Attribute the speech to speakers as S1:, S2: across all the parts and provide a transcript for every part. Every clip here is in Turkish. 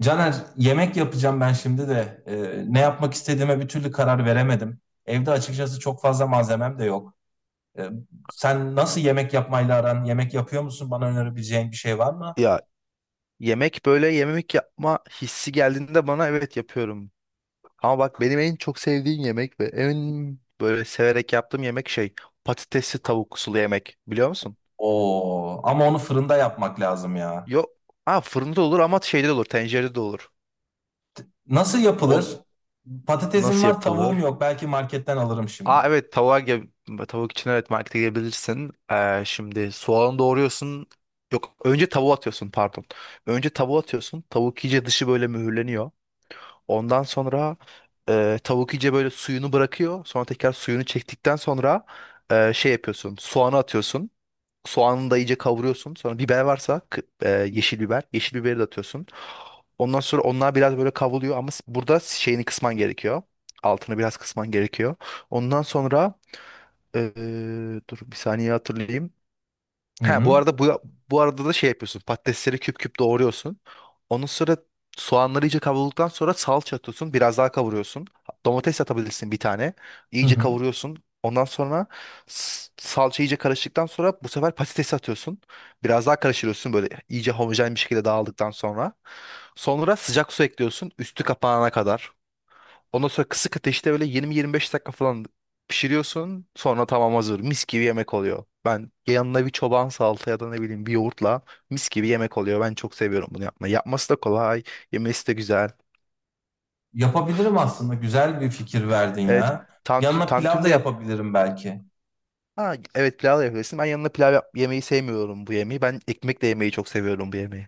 S1: Caner, yemek yapacağım ben şimdi de ne yapmak istediğime bir türlü karar veremedim. Evde açıkçası çok fazla malzemem de yok. Ee, sen nasıl yemek yapmayla aran? Yemek yapıyor musun? Bana önerebileceğin bir şey var mı?
S2: Ya yemek böyle yemek yapma hissi geldiğinde bana evet yapıyorum. Ama bak benim en çok sevdiğim yemek ve en böyle severek yaptığım yemek şey patatesli tavuk sulu yemek, biliyor musun?
S1: Oo, ama onu fırında yapmak lazım ya.
S2: Yok. Ha, fırında da olur ama şeyde de olur, tencerede de olur.
S1: Nasıl
S2: On
S1: yapılır? Patatesim
S2: nasıl
S1: var, tavuğum
S2: yapılır?
S1: yok. Belki marketten alırım
S2: Aa,
S1: şimdi.
S2: evet, tavuk için evet markete gelebilirsin. Şimdi soğanı doğruyorsun. Yok, önce tavuğu atıyorsun pardon. Önce tavuğu atıyorsun. Tavuk iyice dışı böyle mühürleniyor. Ondan sonra tavuk iyice böyle suyunu bırakıyor. Sonra tekrar suyunu çektikten sonra şey yapıyorsun. Soğanı atıyorsun. Soğanı da iyice kavuruyorsun. Sonra biber varsa yeşil biber. Yeşil biberi de atıyorsun. Ondan sonra onlar biraz böyle kavruluyor ama burada şeyini kısman gerekiyor. Altını biraz kısman gerekiyor. Ondan sonra, e, dur bir saniye hatırlayayım.
S1: Hı
S2: Ha, bu
S1: hı.
S2: arada, bu arada da şey yapıyorsun. Patatesleri küp küp doğruyorsun. Onun sonra soğanları iyice kavrulduktan sonra salça atıyorsun. Biraz daha kavuruyorsun. Domates atabilirsin bir tane.
S1: Hı
S2: İyice
S1: hı.
S2: kavuruyorsun. Ondan sonra salça iyice karıştıktan sonra bu sefer patatesi atıyorsun. Biraz daha karıştırıyorsun böyle iyice homojen bir şekilde dağıldıktan sonra. Sonra sıcak su ekliyorsun üstü kapanana kadar. Ondan sonra kısık ateşte böyle 20-25 dakika falan pişiriyorsun. Sonra tamam, hazır. Mis gibi yemek oluyor. Ben yanına bir çoban salata ya da ne bileyim bir yoğurtla mis gibi yemek oluyor. Ben çok seviyorum bunu yapmayı. Yapması da kolay. Yemesi de güzel.
S1: Yapabilirim aslında. Güzel bir fikir verdin
S2: Evet.
S1: ya.
S2: Tantü,
S1: Yanına pilav
S2: tantuni
S1: da
S2: de yap.
S1: yapabilirim belki.
S2: Ha, evet, pilav da yapabilirsin. Ben yanına pilav yap yemeyi sevmiyorum bu yemeği. Ben ekmekle yemeyi çok seviyorum bu yemeği.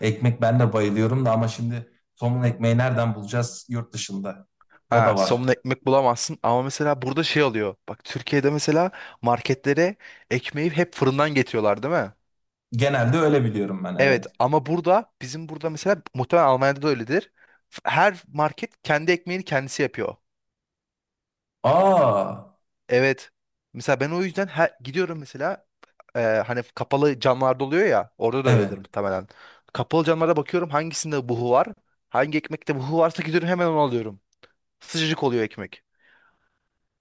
S1: Ekmek ben de bayılıyorum da ama şimdi somun ekmeği nereden bulacağız yurt dışında? O
S2: Ha,
S1: da var.
S2: somun ekmek bulamazsın ama mesela burada şey oluyor. Bak, Türkiye'de mesela marketlere ekmeği hep fırından getiriyorlar, değil mi?
S1: Genelde öyle biliyorum ben,
S2: Evet
S1: evet.
S2: ama burada, bizim burada mesela muhtemelen Almanya'da da öyledir. Her market kendi ekmeğini kendisi yapıyor.
S1: Aa,
S2: Evet. Mesela ben o yüzden gidiyorum mesela, hani kapalı camlarda oluyor ya, orada da
S1: evet.
S2: öyledir muhtemelen. Kapalı camlarda bakıyorum hangisinde buhu var. Hangi ekmekte buhu varsa gidiyorum hemen onu alıyorum. Sıcacık oluyor ekmek.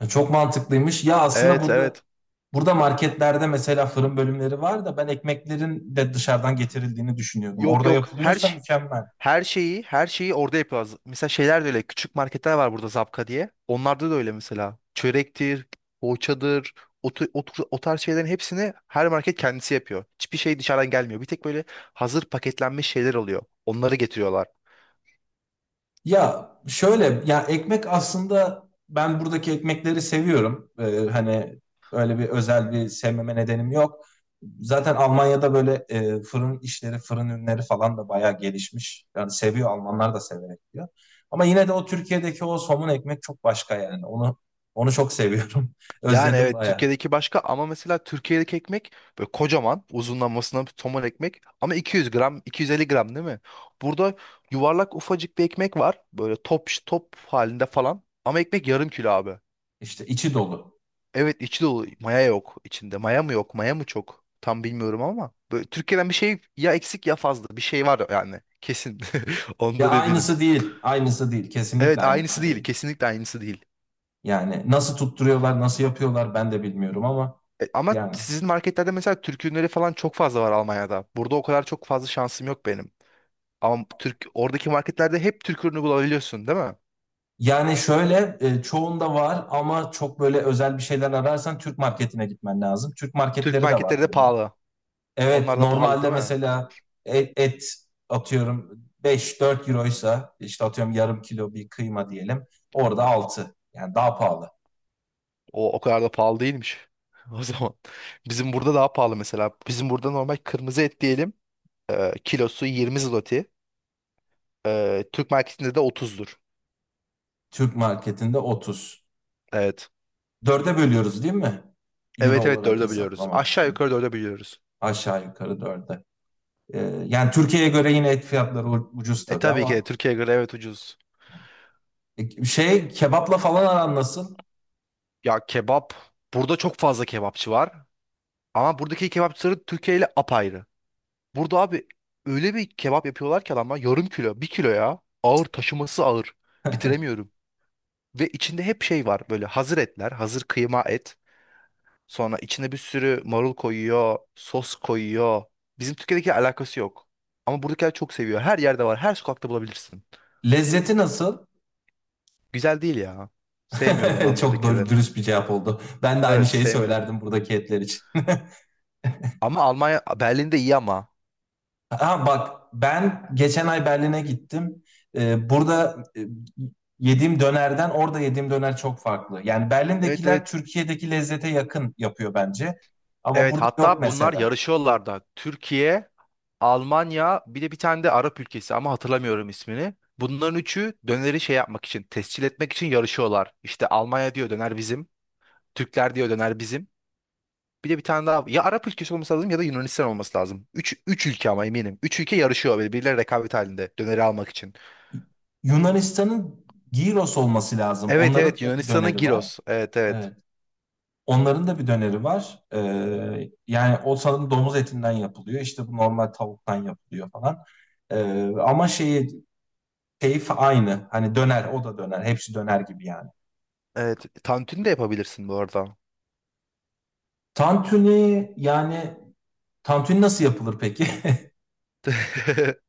S1: Çok mantıklıymış. Ya, aslında. Evet.
S2: Evet,
S1: burada
S2: evet.
S1: burada marketlerde mesela fırın bölümleri var da ben ekmeklerin de dışarıdan getirildiğini düşünüyordum.
S2: Yok,
S1: Orada
S2: yok, her
S1: yapılıyorsa
S2: şey
S1: mükemmel.
S2: Her şeyi, her şeyi orada yapıyoruz. Mesela şeyler de öyle. Küçük marketler var burada Zapka diye. Onlarda da öyle mesela. Çörektir, poğaçadır, o tarz şeylerin hepsini her market kendisi yapıyor. Hiçbir şey dışarıdan gelmiyor. Bir tek böyle hazır paketlenmiş şeyler oluyor. Onları getiriyorlar.
S1: Ya şöyle, ya ekmek aslında ben buradaki ekmekleri seviyorum. Hani öyle bir özel bir sevmeme nedenim yok. Zaten Almanya'da böyle fırın işleri, fırın ürünleri falan da bayağı gelişmiş. Yani seviyor, Almanlar da severek yiyor. Ama yine de o Türkiye'deki o somun ekmek çok başka yani. Onu çok seviyorum.
S2: Yani
S1: Özledim
S2: evet
S1: bayağı.
S2: Türkiye'deki başka ama mesela Türkiye'deki ekmek böyle kocaman uzunlamasına bir somon ekmek ama 200 gram 250 gram, değil mi? Burada yuvarlak ufacık bir ekmek var, böyle top top halinde falan ama ekmek yarım kilo abi.
S1: İşte içi dolu.
S2: Evet, içi dolu. Maya yok içinde. Maya mı yok? Maya mı çok? Tam bilmiyorum ama. Böyle Türkiye'den bir şey ya eksik ya fazla. Bir şey var yani. Kesin.
S1: Ya,
S2: Ondan eminim.
S1: aynısı değil. Aynısı değil. Kesinlikle
S2: Evet, aynısı
S1: aynısı
S2: değil.
S1: değil.
S2: Kesinlikle aynısı değil.
S1: Yani nasıl tutturuyorlar, nasıl yapıyorlar ben de bilmiyorum ama
S2: Ama
S1: yani
S2: sizin marketlerde mesela Türk ürünleri falan çok fazla var Almanya'da. Burada o kadar çok fazla şansım yok benim. Ama Türk oradaki marketlerde hep Türk ürünü bulabiliyorsun, değil mi?
S1: Yani şöyle, çoğunda var ama çok böyle özel bir şeyler ararsan Türk marketine gitmen lazım. Türk
S2: Türk
S1: marketleri de var
S2: marketleri de
S1: burada.
S2: pahalı.
S1: Evet,
S2: Onlar da pahalı,
S1: normalde
S2: değil mi?
S1: mesela et atıyorum 5-4 euroysa işte atıyorum yarım kilo bir kıyma diyelim. Orada altı, yani daha pahalı.
S2: O kadar da pahalı değilmiş. O zaman bizim burada daha pahalı mesela. Bizim burada normal kırmızı et diyelim. Kilosu 20 zloty. Türk marketinde de 30'dur.
S1: Türk marketinde 30.
S2: Evet.
S1: Dörde bölüyoruz değil mi? Euro
S2: Evet, evet,
S1: olarak
S2: dörde biliyoruz.
S1: hesaplamak
S2: Aşağı
S1: için.
S2: yukarı dörde biliyoruz.
S1: Aşağı yukarı dörde. E, Yani Türkiye'ye göre yine et fiyatları ucuz
S2: E
S1: tabii
S2: tabii ki de
S1: ama
S2: Türkiye'ye göre evet ucuz.
S1: kebapla falan aran nasıl?
S2: Ya kebap. Burada çok fazla kebapçı var. Ama buradaki kebapçıları Türkiye ile apayrı. Burada abi öyle bir kebap yapıyorlar ki adamlar yarım kilo, bir kilo ya. Ağır taşıması ağır. Bitiremiyorum. Ve içinde hep şey var böyle, hazır etler, hazır kıyma et. Sonra içine bir sürü marul koyuyor, sos koyuyor. Bizim Türkiye'deki alakası yok. Ama buradakiler çok seviyor. Her yerde var. Her sokakta bulabilirsin.
S1: Lezzeti nasıl?
S2: Güzel değil ya. Sevmiyorum ben
S1: Çok doğru,
S2: buradakileri.
S1: dürüst bir cevap oldu. Ben de aynı
S2: Evet,
S1: şeyi
S2: sevmiyorum.
S1: söylerdim buradaki etler için.
S2: Ama Almanya, Berlin'de iyi ama.
S1: Ha bak, ben geçen ay Berlin'e gittim. Burada yediğim dönerden orada yediğim döner çok farklı. Yani
S2: Evet,
S1: Berlin'dekiler
S2: evet.
S1: Türkiye'deki lezzete yakın yapıyor bence. Ama
S2: Evet,
S1: burada yok
S2: hatta bunlar
S1: mesela.
S2: yarışıyorlar da. Türkiye, Almanya, bir de bir tane de Arap ülkesi ama hatırlamıyorum ismini. Bunların üçü döneri şey yapmak için, tescil etmek için yarışıyorlar. İşte Almanya diyor döner bizim, Türkler diyor döner bizim. Bir de bir tane daha. Ya Arap ülkesi olması lazım ya da Yunanistan olması lazım. Üç ülke ama eminim. Üç ülke yarışıyor böyle birbirleri rekabet halinde döneri almak için.
S1: Yunanistan'ın Gyros olması lazım.
S2: Evet, evet,
S1: Onların da bir
S2: Yunanistan'ın
S1: döneri var.
S2: Giros. Evet, evet.
S1: Evet. Onların da bir döneri var. Yani o sanırım domuz etinden yapılıyor. İşte bu normal tavuktan yapılıyor falan. Ama şeyi, keyif aynı. Hani döner, o da döner. Hepsi döner gibi yani.
S2: Evet. Tantuni de yapabilirsin bu arada.
S1: Tantuni, yani tantuni nasıl yapılır peki?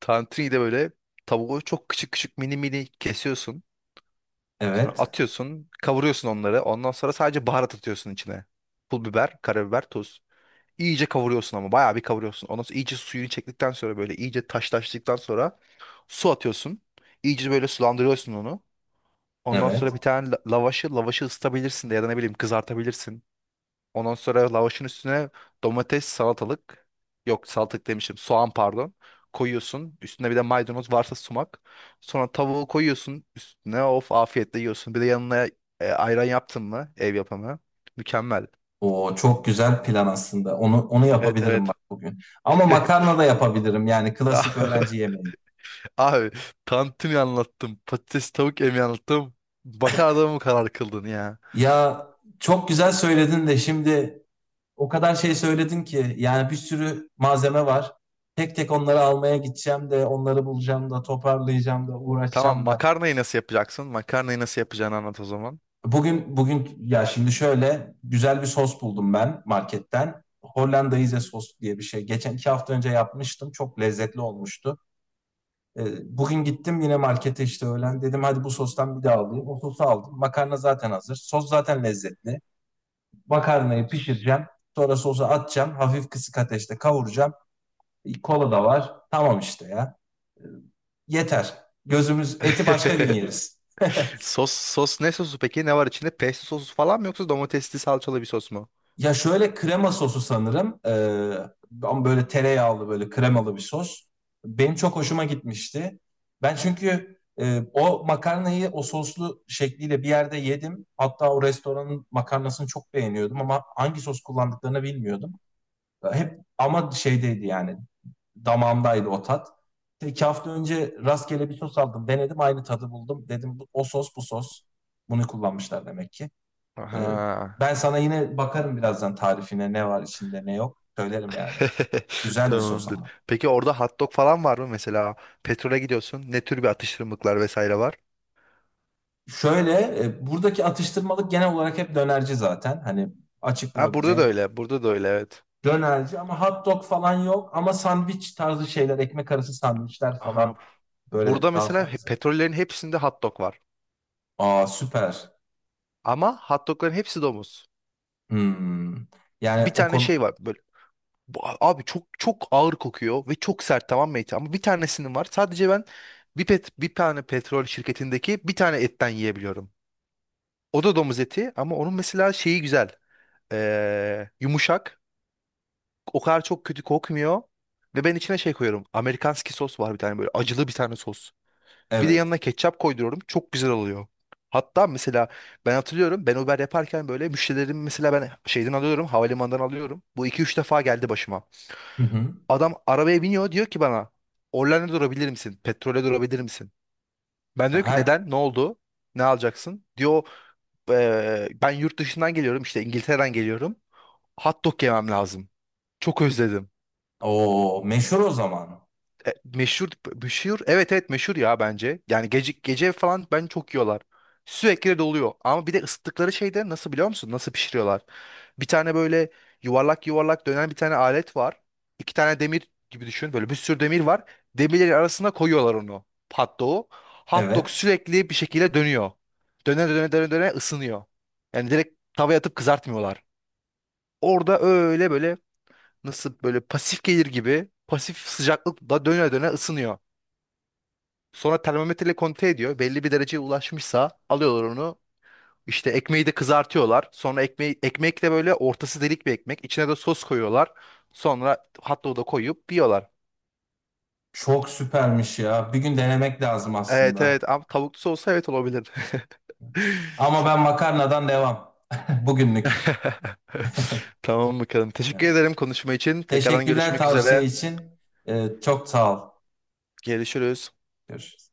S2: Tantuni de böyle tavuğu çok küçük küçük mini mini kesiyorsun. Sonra
S1: Evet,
S2: atıyorsun, kavuruyorsun onları. Ondan sonra sadece baharat atıyorsun içine. Pul biber, karabiber, tuz. İyice kavuruyorsun ama bayağı bir kavuruyorsun. Ondan sonra iyice suyunu çektikten sonra böyle iyice taşlaştıktan sonra su atıyorsun. İyice böyle sulandırıyorsun onu. Ondan
S1: evet.
S2: sonra bir tane lavaşı ısıtabilirsin de ya da ne bileyim kızartabilirsin. Ondan sonra lavaşın üstüne domates, salatalık, yok salatalık demişim, soğan pardon, koyuyorsun. Üstüne bir de maydanoz varsa sumak. Sonra tavuğu koyuyorsun üstüne, of, afiyetle yiyorsun. Bir de yanına ayran yaptın mı ev yapımı? Mükemmel.
S1: O çok güzel plan aslında. Onu
S2: Evet,
S1: yapabilirim
S2: evet.
S1: bak bugün. Ama makarna da yapabilirim. Yani klasik öğrenci yemeği.
S2: Abi, tantuni anlattım, patates tavuk emi anlattım. Bakar adamı karar kıldın ya.
S1: Ya çok güzel söyledin de şimdi, o kadar şey söyledin ki yani, bir sürü malzeme var. Tek tek onları almaya gideceğim de, onları bulacağım da, toparlayacağım da,
S2: Tamam,
S1: uğraşacağım da.
S2: makarnayı nasıl yapacaksın? Makarnayı nasıl yapacağını anlat o zaman.
S1: Bugün ya şimdi şöyle güzel bir sos buldum ben marketten. Hollandaise sos diye bir şey. Geçen 2 hafta önce yapmıştım. Çok lezzetli olmuştu. E, Bugün gittim yine markete işte öğlen. Dedim hadi bu sostan bir daha alayım. O sosu aldım. Makarna zaten hazır. Sos zaten lezzetli. Makarnayı pişireceğim. Sonra sosu atacağım. Hafif kısık ateşte kavuracağım. Kola da var. Tamam işte ya. E, Yeter. Gözümüz eti başka gün yeriz.
S2: Sos ne sosu peki? Ne var içinde? Pesto sosu falan mı yoksa domatesli salçalı bir sos mu?
S1: Ya şöyle, krema sosu sanırım. Ama böyle tereyağlı, böyle kremalı bir sos. Benim çok hoşuma gitmişti. Ben çünkü o makarnayı o soslu şekliyle bir yerde yedim. Hatta o restoranın makarnasını çok beğeniyordum ama hangi sos kullandıklarını bilmiyordum. Hep ama şeydeydi yani, damağımdaydı o tat. 2 hafta önce rastgele bir sos aldım. Denedim, aynı tadı buldum. Dedim o sos bu sos. Bunu kullanmışlar demek ki. Ee,
S2: Aha.
S1: Ben sana yine bakarım birazdan tarifine, ne var içinde ne yok. Söylerim yani. Güzel bir sos
S2: Tamamdır.
S1: ama.
S2: Peki orada hot dog falan var mı mesela? Petrole gidiyorsun. Ne tür bir atıştırmalıklar vesaire var?
S1: Şöyle buradaki atıştırmalık genel olarak hep dönerci zaten. Hani açık
S2: Ha, burada da
S1: bulabileceğin
S2: öyle. Burada da öyle, evet.
S1: dönerci ama hot dog falan yok. Ama sandviç tarzı şeyler, ekmek arası sandviçler falan
S2: Aha. Burada
S1: böyle daha
S2: mesela
S1: fazla.
S2: petrollerin hepsinde hot dog var.
S1: Aa, süper.
S2: Ama hot dogların hepsi domuz.
S1: Hmm. Yani
S2: Bir
S1: o
S2: tane
S1: konu,
S2: şey var. Böyle. Abi çok çok ağır kokuyor ve çok sert, tamam mı eti? Ama bir tanesinin var. Sadece ben bir tane petrol şirketindeki bir tane etten yiyebiliyorum. O da domuz eti ama onun mesela şeyi güzel. Yumuşak. O kadar çok kötü kokmuyor. Ve ben içine şey koyuyorum. Amerikanski sos var bir tane, böyle acılı bir tane sos. Bir de
S1: evet.
S2: yanına ketçap koyduruyorum. Çok güzel oluyor. Hatta mesela ben hatırlıyorum, ben Uber yaparken böyle müşterilerim mesela ben şeyden alıyorum havalimanından alıyorum. Bu iki üç defa geldi başıma.
S1: Hı hı.
S2: Adam arabaya biniyor, diyor ki bana, Orlen'e durabilir misin? Petrole durabilir misin? Ben diyor ki
S1: Her
S2: neden? Ne oldu? Ne alacaksın? Diyor, "Ben yurt dışından geliyorum işte, İngiltere'den geliyorum. Hot dog yemem lazım. Çok özledim."
S1: O meşhur o zaman.
S2: Meşhur, meşhur, evet, evet, meşhur ya, bence. Yani gece gece falan ben çok yiyorlar. Sürekli de doluyor. Ama bir de ısıttıkları şeyde nasıl, biliyor musun? Nasıl pişiriyorlar? Bir tane böyle yuvarlak yuvarlak dönen bir tane alet var. İki tane demir gibi düşün. Böyle bir sürü demir var. Demirlerin arasına koyuyorlar onu. Hot dog'u. Hot dog
S1: Evet.
S2: sürekli bir şekilde dönüyor. Döne döne döne döne ısınıyor. Yani direkt tavaya atıp kızartmıyorlar. Orada öyle böyle, nasıl böyle pasif gelir gibi pasif sıcaklıkla döne döne ısınıyor. Sonra termometreyle kontrol ediyor. Belli bir dereceye ulaşmışsa alıyorlar onu. İşte ekmeği de kızartıyorlar. Sonra ekmek de böyle ortası delik bir ekmek. İçine de sos koyuyorlar. Sonra hot dog'u da koyup yiyorlar.
S1: Çok süpermiş ya. Bir gün denemek lazım
S2: Evet,
S1: aslında.
S2: evet ama tavuklu olsa evet olabilir.
S1: Ama ben makarnadan devam. Bugünlük.
S2: Tamam, bakalım. Teşekkür
S1: Evet.
S2: ederim konuşma için. Tekrardan
S1: Teşekkürler
S2: görüşmek
S1: tavsiye
S2: üzere.
S1: için. Çok sağ ol.
S2: Görüşürüz.
S1: Görüşürüz.